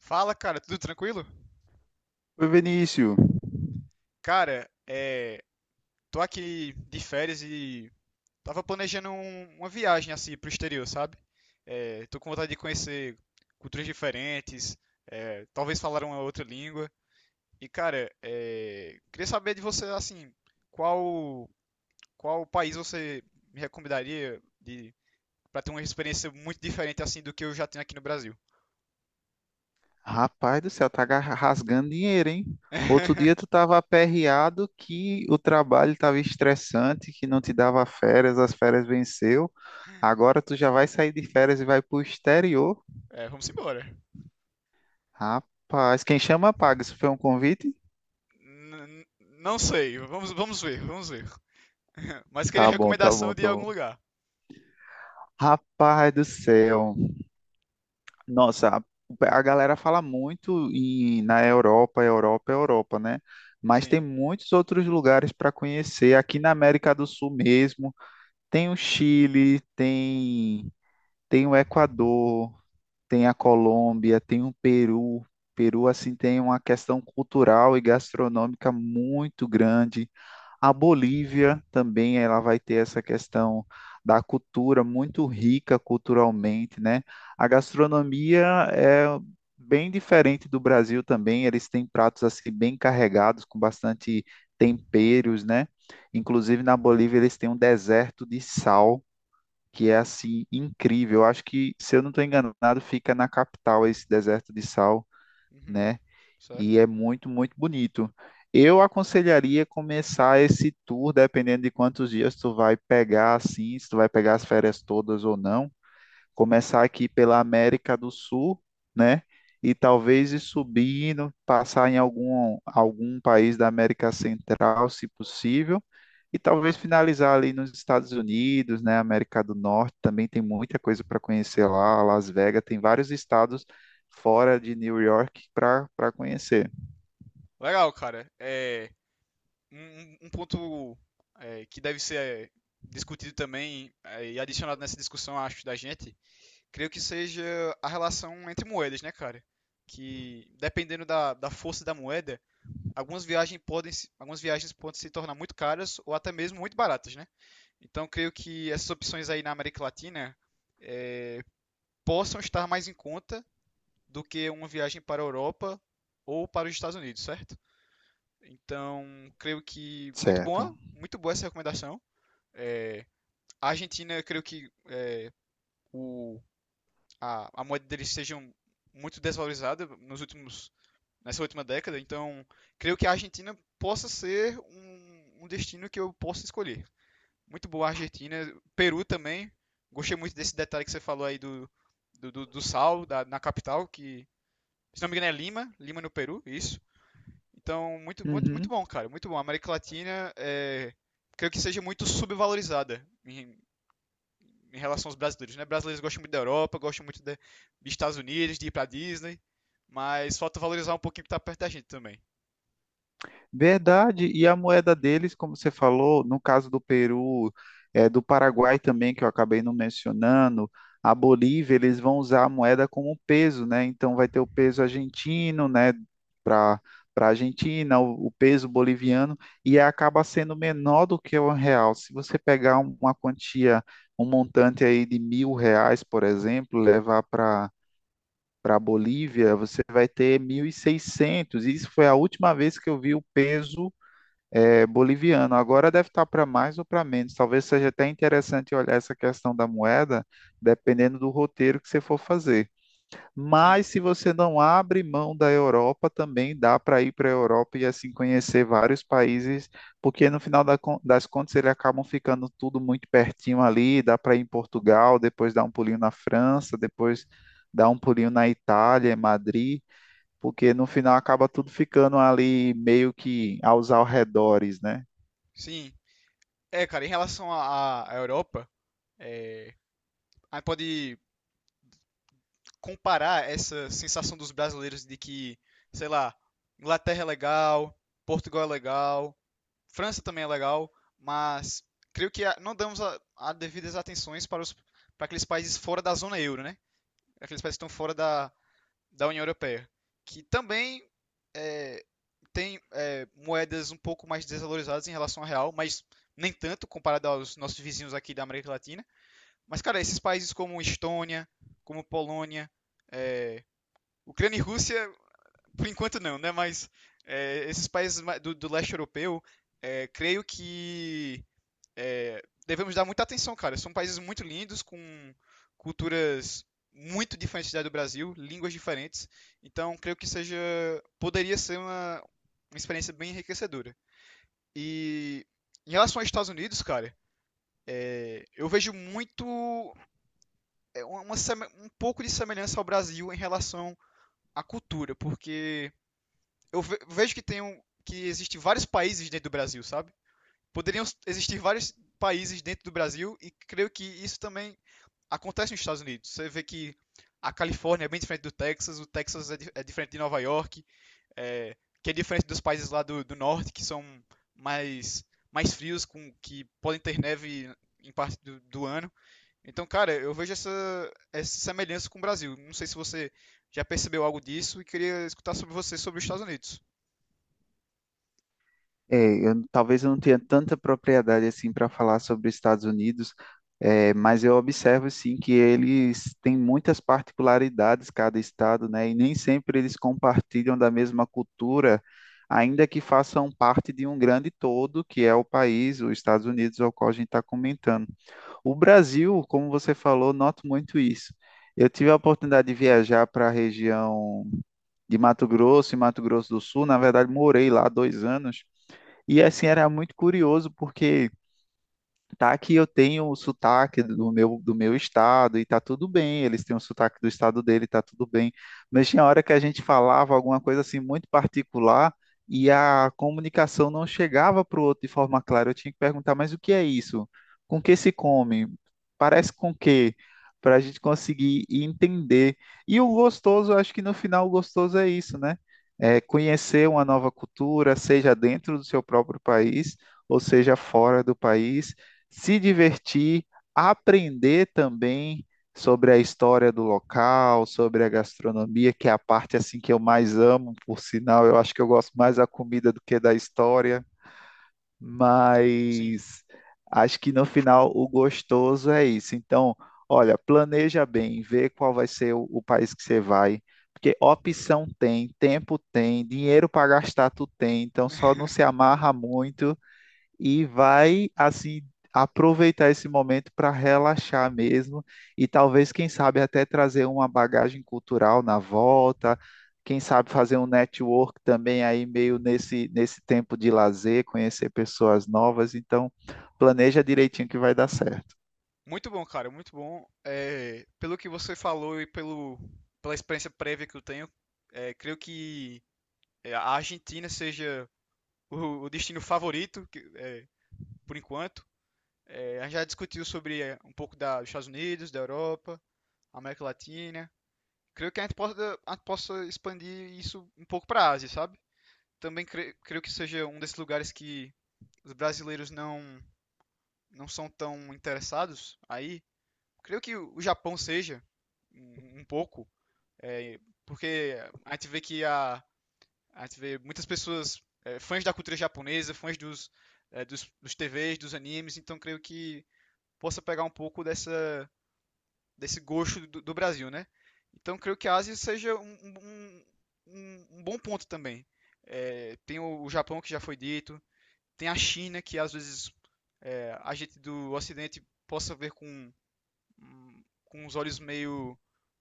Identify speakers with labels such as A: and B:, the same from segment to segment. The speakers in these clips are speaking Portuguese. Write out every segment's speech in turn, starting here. A: Fala, cara, tudo tranquilo?
B: Oi, Vinícius.
A: Cara, é, Tô aqui de férias e tava planejando uma viagem assim pro exterior, sabe? Tô com vontade de conhecer culturas diferentes, talvez falar uma outra língua. E, cara, queria saber de você, assim, qual qual país você me recomendaria de para ter uma experiência muito diferente assim do que eu já tenho aqui no Brasil?
B: Rapaz do céu, rasgando dinheiro, hein? Outro dia tu tava aperreado que o trabalho tava estressante, que não te dava férias, as férias venceu. Agora tu já vai sair de férias e vai pro exterior.
A: É, vamos embora.
B: Rapaz, quem chama paga. Isso foi um convite?
A: N- n- não sei, vamos ver, vamos ver. Mas queria
B: Tá bom, tá bom,
A: recomendação de
B: tá bom.
A: algum lugar.
B: Rapaz do céu. Nossa, a galera fala muito na Europa, Europa, Europa, né? Mas tem
A: Sim.
B: muitos outros lugares para conhecer aqui na América do Sul mesmo. Tem o Chile, tem o Equador, tem a Colômbia, tem o Peru. Peru, assim, tem uma questão cultural e gastronômica muito grande. A Bolívia também, ela vai ter essa questão da cultura muito rica culturalmente, né? A gastronomia é bem diferente do Brasil também. Eles têm pratos, assim, bem carregados, com bastante temperos, né? Inclusive, na Bolívia, eles têm um deserto de sal que é assim incrível. Eu acho que, se eu não estou enganado, fica na capital esse deserto de sal,
A: Uhum,
B: né? E
A: certo.
B: é muito, muito bonito. Eu aconselharia começar esse tour, dependendo de quantos dias tu vai pegar, assim, se tu vai pegar as férias todas ou não. Começar aqui pela América do Sul, né? E talvez ir subindo, passar em algum país da América Central, se possível e talvez finalizar ali nos Estados Unidos, né? América do Norte também tem muita coisa para conhecer lá. Las Vegas tem vários estados fora de New York para para conhecer,
A: Legal, cara. É, um ponto que deve ser discutido também e adicionado nessa discussão, acho, da gente, creio que seja a relação entre moedas, né, cara? Que dependendo da força da moeda, algumas viagens podem se tornar muito caras ou até mesmo muito baratas, né? Então creio que essas opções aí na América Latina eh, possam estar mais em conta do que uma viagem para a Europa ou para os Estados Unidos, certo? Então, creio que
B: certo?
A: muito boa essa recomendação. É, a Argentina, eu creio que o, a moeda deles seja muito desvalorizada nos nessa última década, então creio que a Argentina possa ser um destino que eu possa escolher. Muito boa a Argentina, Peru também. Gostei muito desse detalhe que você falou aí do sal na capital, que se não me engano é Lima, Lima no Peru, isso. Então, muito, muito, muito
B: Uhum.
A: bom, cara, muito bom. A América Latina, é, creio que seja muito subvalorizada em, em relação aos brasileiros, né? Brasileiros gostam muito da Europa, gostam muito dos Estados Unidos, de ir pra Disney, mas falta valorizar um pouquinho o que tá perto da gente também.
B: Verdade. E a moeda deles, como você falou, no caso do Peru, do Paraguai também, que eu acabei não mencionando, a Bolívia, eles vão usar a moeda como peso, né? Então vai ter o peso argentino, né, para para Argentina, o peso boliviano, e acaba sendo menor do que o real. Se você pegar uma quantia, um montante aí de R$ 1.000, por exemplo, levar para a Bolívia, você vai ter 1.600. Isso foi a última vez que eu vi o peso boliviano. Agora deve estar para mais ou para menos. Talvez seja até interessante olhar essa questão da moeda, dependendo do roteiro que você for fazer.
A: Sim.
B: Mas se você não abre mão da Europa, também dá para ir para a Europa e assim conhecer vários países, porque no final das contas eles acabam ficando tudo muito pertinho ali. Dá para ir em Portugal, depois dar um pulinho na França, depois dar um pulinho na Itália, em Madrid. Porque no final acaba tudo ficando ali meio que aos arredores, né?
A: Sim. É, cara, em relação à Europa, é, a gente pode comparar essa sensação dos brasileiros de que, sei lá, Inglaterra é legal, Portugal é legal, França também é legal, mas creio que não damos a devidas atenções para aqueles países fora da zona euro, né? Aqueles países que estão fora da União Europeia, que também é, tem moedas um pouco mais desvalorizadas em relação ao real, mas nem tanto comparado aos nossos vizinhos aqui da América Latina. Mas, cara, esses países como Estônia, como Polônia, é, Ucrânia e Rússia, por enquanto não, né? Mas esses países do, do leste europeu, creio que devemos dar muita atenção, cara. São países muito lindos, com culturas muito diferentes da do Brasil, línguas diferentes. Então, creio que seja, poderia ser uma experiência bem enriquecedora. E em relação aos Estados Unidos, cara, eu vejo muito uma um pouco de semelhança ao Brasil em relação à cultura, porque vejo que tem um, que existe vários países dentro do Brasil, sabe? Existir vários países dentro do Brasil e creio que isso também acontece nos Estados Unidos. Você vê que a Califórnia é bem diferente do Texas, o Texas é diferente de Nova York, é, que é diferente dos países lá do norte que são mais mais frios, com que podem ter neve em parte do ano. Então, cara, eu vejo essa, essa semelhança com o Brasil. Não sei se você já percebeu algo disso e queria escutar sobre você sobre os Estados Unidos.
B: É, talvez eu não tenha tanta propriedade assim para falar sobre os Estados Unidos, é, mas eu observo sim que eles têm muitas particularidades cada estado, né? E nem sempre eles compartilham da mesma cultura, ainda que façam parte de um grande todo, que é o país, os Estados Unidos, ao qual a gente está comentando. O Brasil, como você falou, noto muito isso. Eu tive a oportunidade de viajar para a região de Mato Grosso e Mato Grosso do Sul. Na verdade, morei lá 2 anos. E assim era muito curioso porque tá que eu tenho o sotaque do meu estado e tá tudo bem, eles têm o sotaque do estado dele, tá tudo bem. Mas tinha hora que a gente falava alguma coisa assim muito particular e a comunicação não chegava para o outro de forma clara. Eu tinha que perguntar, mas o que é isso? Com que se come? Parece com que? Para a gente conseguir entender. E o gostoso, eu acho que no final o gostoso é isso, né? É conhecer uma nova cultura, seja dentro do seu próprio país ou seja fora do país, se divertir, aprender também sobre a história do local, sobre a gastronomia, que é a parte assim que eu mais amo, por sinal, eu acho que eu gosto mais da comida do que da história,
A: Sim.
B: mas acho que no final o gostoso é isso. Então, olha, planeja bem, vê qual vai ser o país que você vai, porque opção tem, tempo tem, dinheiro para gastar tu tem, então só não se amarra muito e vai assim aproveitar esse momento para relaxar mesmo e talvez, quem sabe, até trazer uma bagagem cultural na volta, quem sabe fazer um network também aí meio nesse tempo de lazer, conhecer pessoas novas, então planeja direitinho que vai dar certo.
A: Muito bom, cara, muito bom. É, pelo que você falou e pelo, pela experiência prévia que eu tenho, creio que a Argentina seja o destino favorito, é, por enquanto. É, a gente já discutiu sobre um pouco dos Estados Unidos, da Europa, América Latina. Creio que a gente possa expandir isso um pouco para a Ásia, sabe? Também creio que seja um desses lugares que os brasileiros não, não são tão interessados aí creio que o Japão seja um pouco, é, porque a gente vê que a, a gente vê muitas pessoas fãs da cultura japonesa, fãs dos, é, dos, dos TVs, dos animes, então creio que possa pegar um pouco dessa, desse gosto do Brasil, né? Então creio que a Ásia seja um bom ponto também. É, tem o Japão que já foi dito, tem a China que às vezes a gente do Ocidente possa ver com os olhos meio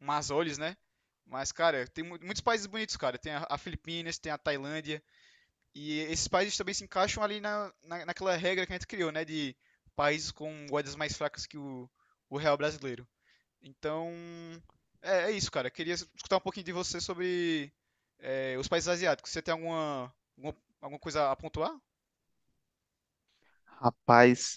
A: más olhos, né? Mas, cara, tem muitos países bonitos, cara. Tem a Filipinas, tem a Tailândia. E esses países também se encaixam ali naquela regra que a gente criou, né? De países com moedas mais fracas que o real brasileiro. Então, é, é isso, cara. Queria escutar um pouquinho de você sobre os países asiáticos. Você tem alguma, alguma, alguma coisa a pontuar?
B: Rapaz,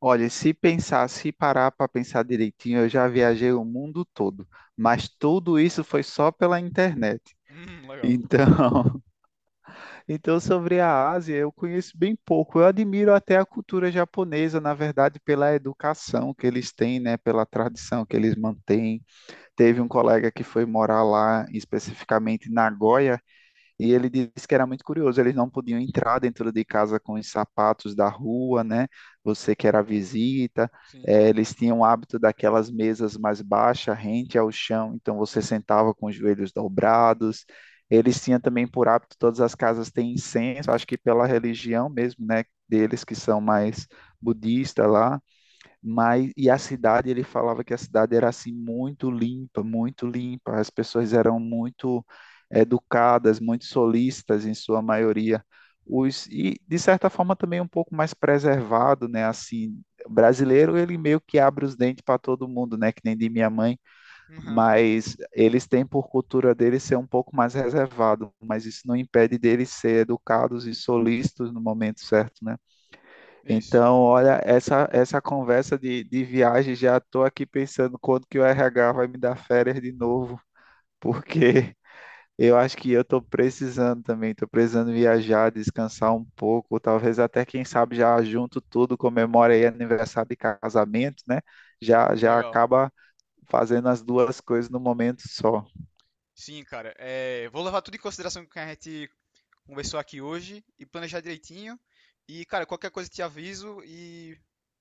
B: olha, se pensar, se parar para pensar direitinho, eu já viajei o mundo todo, mas tudo isso foi só pela internet.
A: Legal.
B: Então, então, sobre a Ásia, eu conheço bem pouco. Eu admiro até a cultura japonesa, na verdade, pela educação que eles têm, né, pela tradição que eles mantêm. Teve um colega que foi morar lá, especificamente em Nagoya, e ele disse que era muito curioso, eles não podiam entrar dentro de casa com os sapatos da rua, né? Você que era visita,
A: Sim.
B: eles tinham o hábito daquelas mesas mais baixas, rente ao chão, então você sentava com os joelhos dobrados. Eles tinham também por hábito, todas as casas têm incenso, acho que pela religião mesmo, né? Deles que são mais budistas lá, mas e a cidade, ele falava que a cidade era assim muito limpa, as pessoas eram muito educadas, muito solistas em sua maioria. Os, e de certa forma também um pouco mais preservado, né? Assim, o brasileiro ele meio que abre os dentes para todo mundo, né? Que nem de minha mãe,
A: Uhum.
B: mas eles têm por cultura deles ser um pouco mais reservado, mas isso não impede deles ser educados e solistas no momento certo, né?
A: Isso.
B: Então, olha, essa conversa de viagem, já estou aqui pensando quando que o RH vai me dar férias de novo, porque eu acho que eu estou precisando também, estou precisando viajar, descansar um pouco, talvez até, quem sabe, já junto tudo, comemora aí aniversário de casamento, né? Já, já
A: Legal.
B: acaba fazendo as duas coisas no momento só.
A: Sim, cara. É, vou levar tudo em consideração que a gente conversou aqui hoje e planejar direitinho. E, cara, qualquer coisa te aviso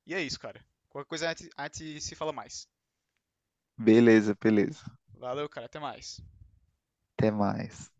A: e é isso, cara. Qualquer coisa a gente se fala mais.
B: Beleza, beleza.
A: Valeu, cara. Até mais.
B: Até mais.